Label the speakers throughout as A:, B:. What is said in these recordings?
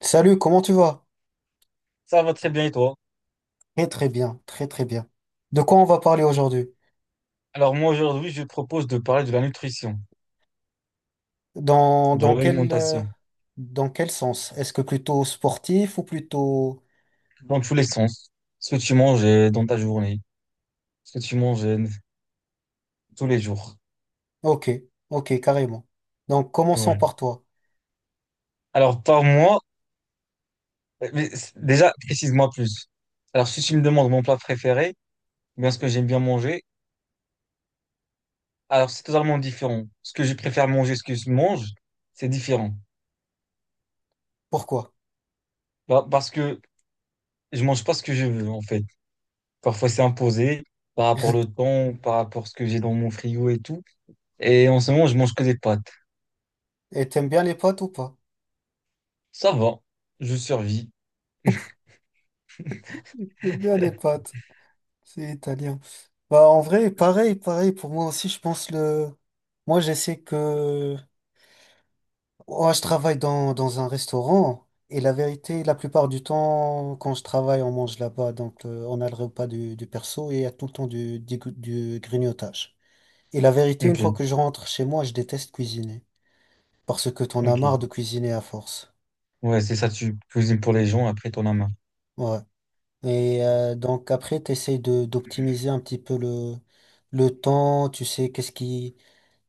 A: Salut, comment tu vas?
B: Ça va très bien et toi?
A: Très très bien, très très bien. De quoi on va parler aujourd'hui?
B: Alors moi aujourd'hui, je propose de parler de la nutrition,
A: Dans,
B: de
A: dans quel, euh,
B: l'alimentation,
A: dans quel sens? Est-ce que plutôt sportif ou plutôt?
B: dans tous les sens. Ce que tu manges dans ta journée, ce que tu manges tous les jours.
A: Ok, ok, carrément. Donc commençons
B: Ouais.
A: par toi.
B: Alors par mois, mais déjà, précise-moi plus. Alors si tu me demandes mon plat préféré, ou bien ce que j'aime bien manger, alors c'est totalement différent. Ce que je préfère manger, ce que je mange, c'est différent.
A: Pourquoi?
B: Bah, parce que je mange pas ce que je veux en fait. Parfois c'est imposé par rapport au temps, par rapport à ce que j'ai dans mon frigo et tout. Et en ce moment, je mange que des pâtes.
A: Et t'aimes bien les pâtes ou pas?
B: Ça va, je survis.
A: J'aime bien les pâtes, c'est italien. Bah en vrai, pareil, pareil, pour moi aussi, je pense le. Moi j'essaie que. Ouais, je travaille dans un restaurant et la vérité, la plupart du temps, quand je travaille, on mange là-bas. Donc, on a le repas du perso et il y a tout le temps du grignotage. Et la vérité, une fois
B: Ok,
A: que je rentre chez moi, je déteste cuisiner parce que t'en as marre
B: ok.
A: de cuisiner à force.
B: Ouais, c'est ça, tu cuisines pour les gens, après t'en as marre.
A: Ouais. Et donc, après, t'essayes d'optimiser un petit peu le temps. Tu sais, qu'est-ce qui.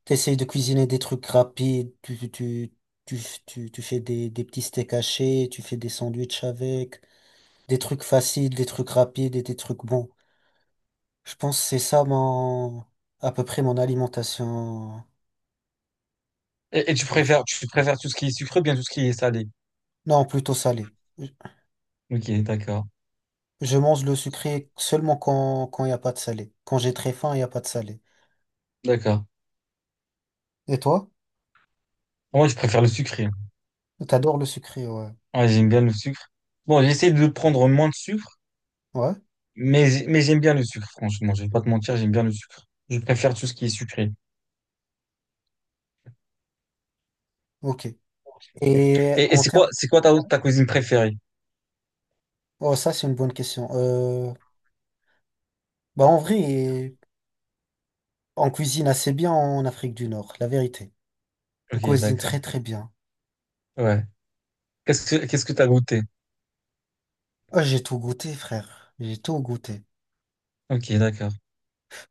A: T'essayes de cuisiner des trucs rapides. Tu, tu fais des petits steaks hachés, tu fais des sandwichs avec des trucs faciles, des trucs rapides et des trucs bons. Je pense que c'est ça à peu près mon alimentation.
B: Et tu préfères tout ce qui est sucré, ou bien tout ce qui est salé.
A: Non, plutôt salé. Je
B: Ok, d'accord,
A: je mange le sucré seulement quand il n'y a pas de salé. Quand j'ai très faim, il n'y a pas de salé.
B: d'accord.
A: Et toi?
B: Moi, je préfère le sucré.
A: T'adores le sucré, ouais.
B: Ouais, j'aime bien le sucre. Bon, j'essaie de prendre moins de sucre,
A: Ouais?
B: mais j'aime bien le sucre, franchement. Je vais pas te mentir, j'aime bien le sucre. Je préfère tout ce qui est sucré.
A: Ok. Et
B: Et
A: en
B: c'est quoi,
A: termes.
B: c'est quoi ta cuisine préférée?
A: Oh, ça, c'est une bonne question. Bah, en vrai, on cuisine assez bien en Afrique du Nord, la vérité. On
B: Ok,
A: cuisine
B: d'accord.
A: très, très bien.
B: Ouais. Qu'est-ce que t'as goûté?
A: Ah, j'ai tout goûté, frère. J'ai tout goûté.
B: Ok, d'accord.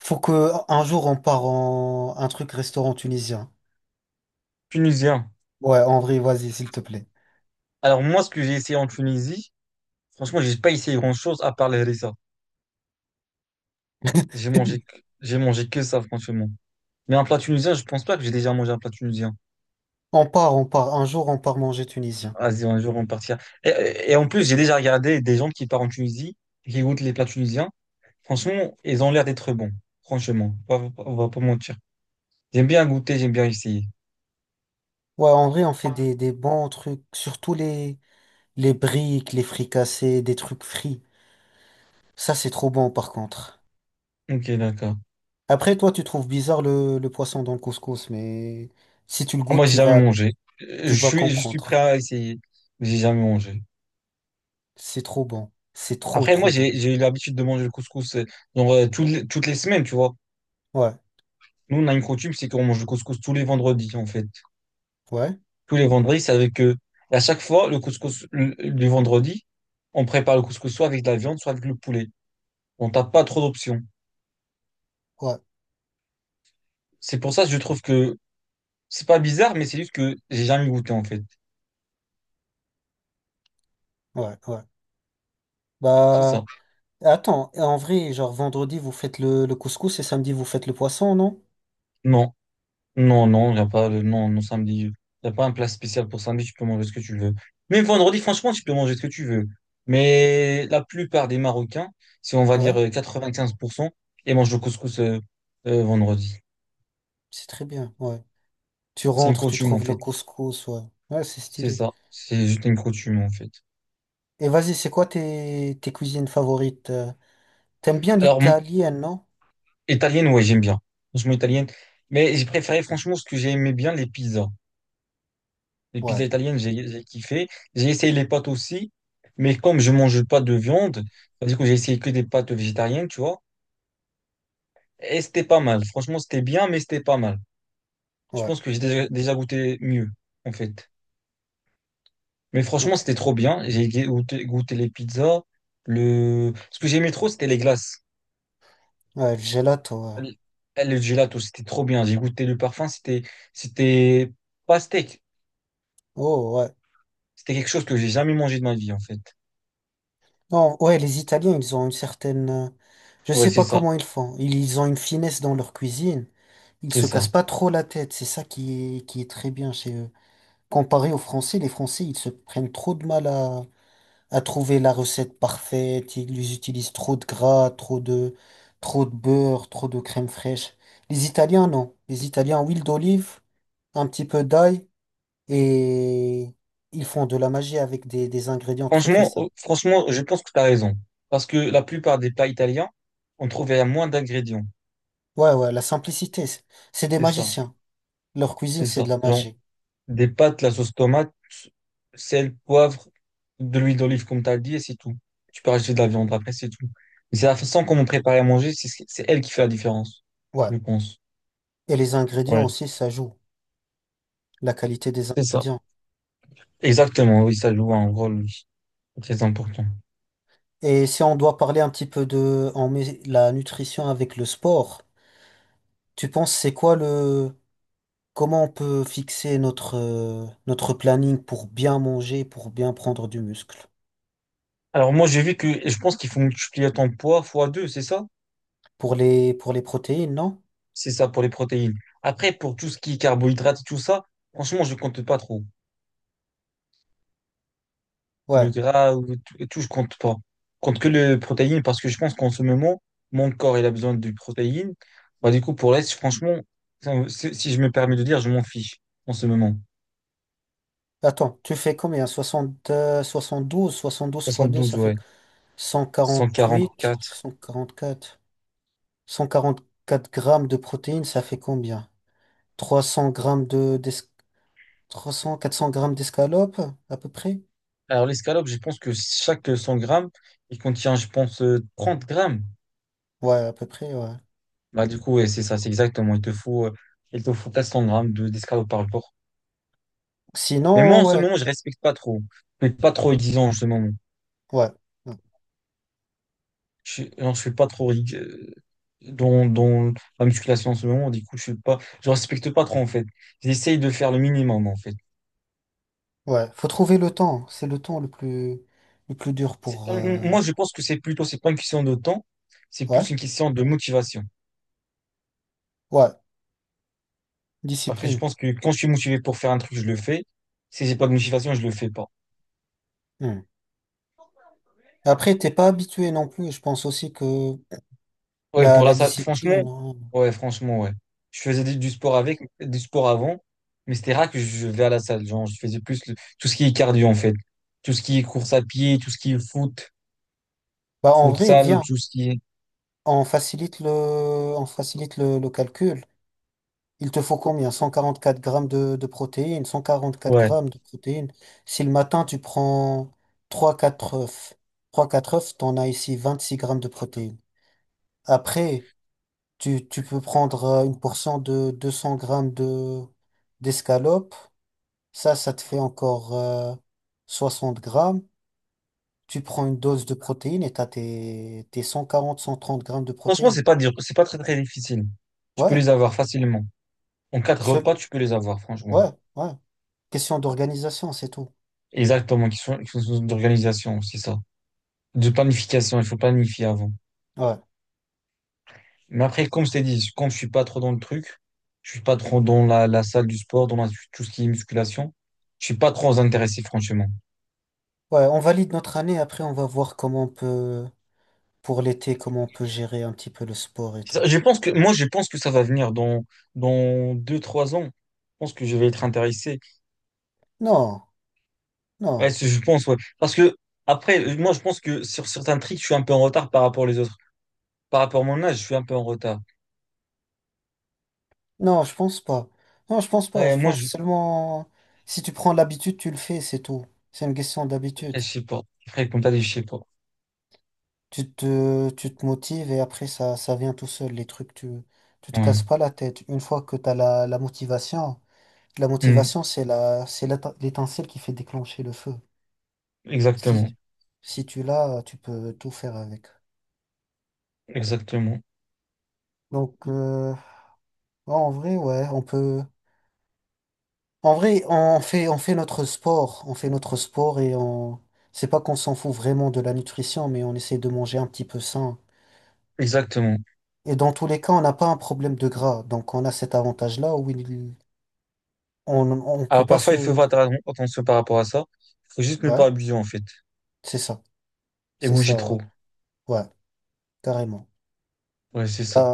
A: Faut que un jour on part en un truc restaurant tunisien.
B: Tunisien.
A: Ouais, en vrai, vas-y, s'il te plaît.
B: Alors, moi, ce que j'ai essayé en Tunisie. Franchement, j'ai pas essayé grand-chose à part les harissa. J'ai mangé, que- j'ai mangé que ça, franchement. Mais un plat tunisien, je pense pas que j'ai déjà mangé un plat tunisien.
A: On part, on part. Un jour, on part manger tunisien.
B: Vas-y, un jour, on partira. Et en plus, j'ai déjà regardé des gens qui partent en Tunisie et qui goûtent les plats tunisiens. Franchement, ils ont l'air d'être bons. Franchement, on va pas mentir. J'aime bien goûter, j'aime bien essayer.
A: Ouais, en vrai, on fait des bons trucs. Surtout les briques, les fricassés, des trucs frits. Ça, c'est trop bon, par contre.
B: Ok, d'accord.
A: Après, toi, tu trouves bizarre le poisson dans le couscous, mais si tu le
B: Ah,
A: goûtes,
B: moi, j'ai
A: tu
B: jamais
A: vas,
B: mangé. Euh, Je
A: tu vas
B: suis, je suis prêt
A: comprendre.
B: à essayer, mais j'ai jamais mangé.
A: C'est trop bon. C'est trop,
B: Après, moi,
A: trop bon.
B: j'ai eu l'habitude de manger le couscous, genre, toutes les semaines, tu vois.
A: Ouais,
B: Nous, on a une coutume, c'est qu'on mange le couscous tous les vendredis, en fait.
A: ouais,
B: Tous les vendredis, c'est avec eux. Et à chaque fois, le couscous du vendredi, on prépare le couscous soit avec de la viande, soit avec le poulet. On n'a pas trop d'options.
A: ouais,
B: C'est pour ça que je trouve que c'est pas bizarre, mais c'est juste que j'ai jamais goûté, en fait.
A: ouais, ouais.
B: C'est
A: Bah,
B: ça.
A: attends, en vrai, genre vendredi, vous faites le couscous et samedi, vous faites le poisson, non?
B: Non, non, non, il n'y a pas de, non, non, samedi. Il n'y a pas un plat spécial pour samedi, tu peux manger ce que tu veux. Même vendredi, franchement, tu peux manger ce que tu veux. Mais la plupart des Marocains, si on va dire
A: Ouais,
B: 95%, ils mangent le couscous vendredi.
A: c'est très bien, ouais. Tu
B: C'est une
A: rentres, tu
B: coutume en
A: trouves le
B: fait.
A: couscous, ouais. Ouais, c'est
B: C'est
A: stylé.
B: ça. C'est juste une coutume en fait.
A: Et vas-y, c'est quoi tes cuisines favorites? T'aimes bien
B: Alors,
A: l'italienne, non?
B: italienne, ouais, j'aime bien. Franchement, italienne. Mais j'ai préféré, franchement, ce que j'ai aimé bien, les pizzas. Les
A: Ouais,
B: pizzas italiennes, j'ai kiffé. J'ai essayé les pâtes aussi. Mais comme je mange pas de viande, c'est-à-dire que j'ai essayé que des pâtes végétariennes, tu vois. Et c'était pas mal. Franchement, c'était bien, mais c'était pas mal. Je
A: ouais,
B: pense que j'ai déjà goûté mieux, en fait. Mais franchement,
A: ok.
B: c'était trop bien. J'ai goûté les pizzas. Ce que j'aimais trop, c'était les glaces.
A: Ouais, le gelato, ouais.
B: l- le gelato, c'était trop bien. J'ai goûté le parfum, c'était pas steak.
A: Oh, ouais.
B: C'était quelque chose que j'ai jamais mangé de ma vie, en fait.
A: Non, ouais, les Italiens, ils ont une certaine, je
B: Ouais,
A: sais
B: c'est
A: pas
B: ça,
A: comment ils font. Ils ont une finesse dans leur cuisine. Ils
B: c'est
A: se cassent
B: ça.
A: pas trop la tête. C'est ça qui est très bien chez eux. Comparé aux Français, les Français, ils se prennent trop de mal à trouver la recette parfaite. Ils utilisent trop de gras, trop de beurre, trop de crème fraîche. Les Italiens, non. Les Italiens, huile d'olive, un petit peu d'ail et ils font de la magie avec des ingrédients très très
B: Franchement, euh,
A: simples.
B: franchement, je pense que tu as raison. Parce que la plupart des plats italiens, on trouve il y a moins d'ingrédients.
A: Ouais, ouais, la simplicité, c'est des
B: C'est ça,
A: magiciens. Leur cuisine,
B: c'est
A: c'est
B: ça.
A: de la
B: Genre,
A: magie.
B: des pâtes, la sauce tomate, sel, poivre, de l'huile d'olive, comme tu as dit, et c'est tout. Tu peux rajouter de la viande après, c'est tout. Mais c'est la façon qu'on prépare à manger, c'est elle qui fait la différence,
A: Ouais.
B: je pense.
A: Et les ingrédients
B: Ouais,
A: aussi, ça joue. La qualité des
B: c'est ça.
A: ingrédients.
B: Exactement, oui, ça joue un rôle, oui, très important.
A: Et si on doit parler un petit peu la nutrition avec le sport, tu penses c'est quoi le comment on peut fixer notre planning pour bien manger, pour bien prendre du muscle?
B: Alors moi, j'ai vu que et je pense qu'il faut multiplier ton poids fois 2, c'est ça?
A: Pour les protéines, non?
B: C'est ça pour les protéines. Après, pour tout ce qui est carbohydrates et tout ça, franchement, je compte pas trop. Le
A: Ouais.
B: gras ou tout, et tout, je compte pas. Je compte que les protéines parce que je pense qu'en ce moment, mon corps, il a besoin de protéines. Bah, du coup, pour l'Est, franchement, si je me permets de dire, je m'en fiche en ce moment.
A: Attends, tu fais combien? 60, 72, 72 fois
B: Soixante
A: 2,
B: douze,
A: ça fait
B: ouais. Cent quarante
A: 148,
B: quatre.
A: 144. 144 grammes de protéines, ça fait combien? 300 grammes 300, 400 grammes d'escalope, à peu près?
B: Alors, l'escalope, je pense que chaque 100 grammes, il contient, je pense, 30 grammes.
A: Ouais, à peu près, ouais.
B: Bah, du coup, ouais, c'est ça, c'est exactement. Il te faut 400 grammes d'escalope par jour. Mais moi,
A: Sinon,
B: en ce
A: ouais,
B: moment, je respecte pas trop. Je suis pas trop exigeant en ce moment.
A: ouais,
B: Non, je suis pas trop dans la musculation en ce moment. Du coup, je respecte pas trop, en fait. J'essaye de faire le minimum, en fait.
A: ouais. Faut trouver le temps. C'est le temps le plus dur pour.
B: Moi, je pense que c'est pas une question de temps, c'est plus
A: Ouais,
B: une question de motivation.
A: ouais.
B: Après, je
A: Discipline.
B: pense que quand je suis motivé pour faire un truc, je le fais. Si j'ai pas de motivation, je le fais pas.
A: Hmm. Après, t'es pas habitué non plus. Je pense aussi que
B: Ouais,
A: la,
B: pour
A: la
B: la salle, franchement,
A: discipline, hein.
B: ouais, franchement, ouais. Je faisais du sport avant, mais c'était rare que je vais à la salle. Genre, je faisais plus tout ce qui est cardio, en fait. Tout ce qui est course à pied, tout ce qui est foot,
A: Bah, en vrai,
B: futsal,
A: viens.
B: tout ce qui est,
A: On facilite le, on facilite le calcul. Il te faut combien? 144 grammes de protéines. 144
B: ouais.
A: grammes de protéines. Si le matin, tu prends trois quatre œufs. Trois quatre œufs, t'en as ici 26 grammes de protéines. Après, tu peux prendre une portion de 200 grammes d'escalope. Ça te fait encore 60 grammes. Tu prends une dose de protéines et t'as tes 140 130 grammes de
B: Franchement,
A: protéines.
B: c'est pas dur, c'est pas très, très difficile. Tu peux
A: Ouais,
B: les avoir facilement. En quatre
A: seul,
B: repas, tu peux les avoir, franchement.
A: ouais, ouais. Question d'organisation, c'est tout.
B: Exactement, qui sont d'organisation, c'est ça. De planification, il faut planifier avant.
A: Ouais.
B: Mais après, comme je t'ai dit, comme je suis pas trop dans le truc, je suis pas trop dans la salle du sport, tout ce qui est musculation, je suis pas trop intéressé, franchement.
A: Ouais, on valide notre année. Après, on va voir comment on peut, pour l'été, comment on peut gérer un petit peu le sport et
B: C'est
A: tout.
B: ça. Je pense que ça va venir dans 2, 3 ans. Je pense que je vais être intéressé.
A: Non,
B: Ouais,
A: non.
B: je pense, ouais. Parce que, après, moi, je pense que sur certains trucs, je suis un peu en retard par rapport aux autres. Par rapport à mon âge, je suis un peu en retard.
A: Non, je pense pas. Non, je pense pas.
B: Ouais,
A: Je pense seulement si tu prends l'habitude, tu le fais, c'est tout. C'est une question d'habitude.
B: après, je sais pas. Après, comme t'as dit, je sais pas.
A: Tu te motives et après ça, ça vient tout seul. Les trucs, tu te
B: Ouais.
A: casses pas la tête. Une fois que tu as la motivation, la
B: Hmm.
A: motivation, c'est la, c'est l'éte- l'étincelle qui fait déclencher le feu.
B: Exactement.
A: Si, si tu l'as, tu peux tout faire avec.
B: Exactement.
A: Donc, ouais, en vrai, ouais, on peut. En vrai, on fait notre sport, on fait notre sport et on, c'est pas qu'on s'en fout vraiment de la nutrition, mais on essaie de manger un petit peu sain.
B: Exactement.
A: Et dans tous les cas, on n'a pas un problème de gras, donc on a cet avantage-là où il, on peut
B: Alors
A: pas
B: parfois, il faut
A: se,
B: faire attention par rapport à ça. Il faut juste ne
A: ouais,
B: pas abuser en fait
A: c'est ça,
B: et
A: c'est
B: bouger
A: ça, ouais,
B: trop.
A: ouais, carrément.
B: Ouais, c'est ça.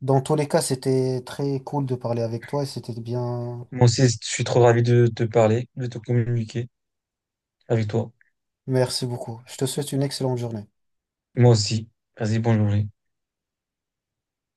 A: Dans tous les cas, c'était très cool de parler avec toi et c'était bien.
B: Moi aussi,
A: bien.
B: je suis trop ravi de te parler, de te communiquer avec toi.
A: Merci beaucoup. Je te souhaite une excellente journée.
B: Moi aussi. Vas-y, bonjour.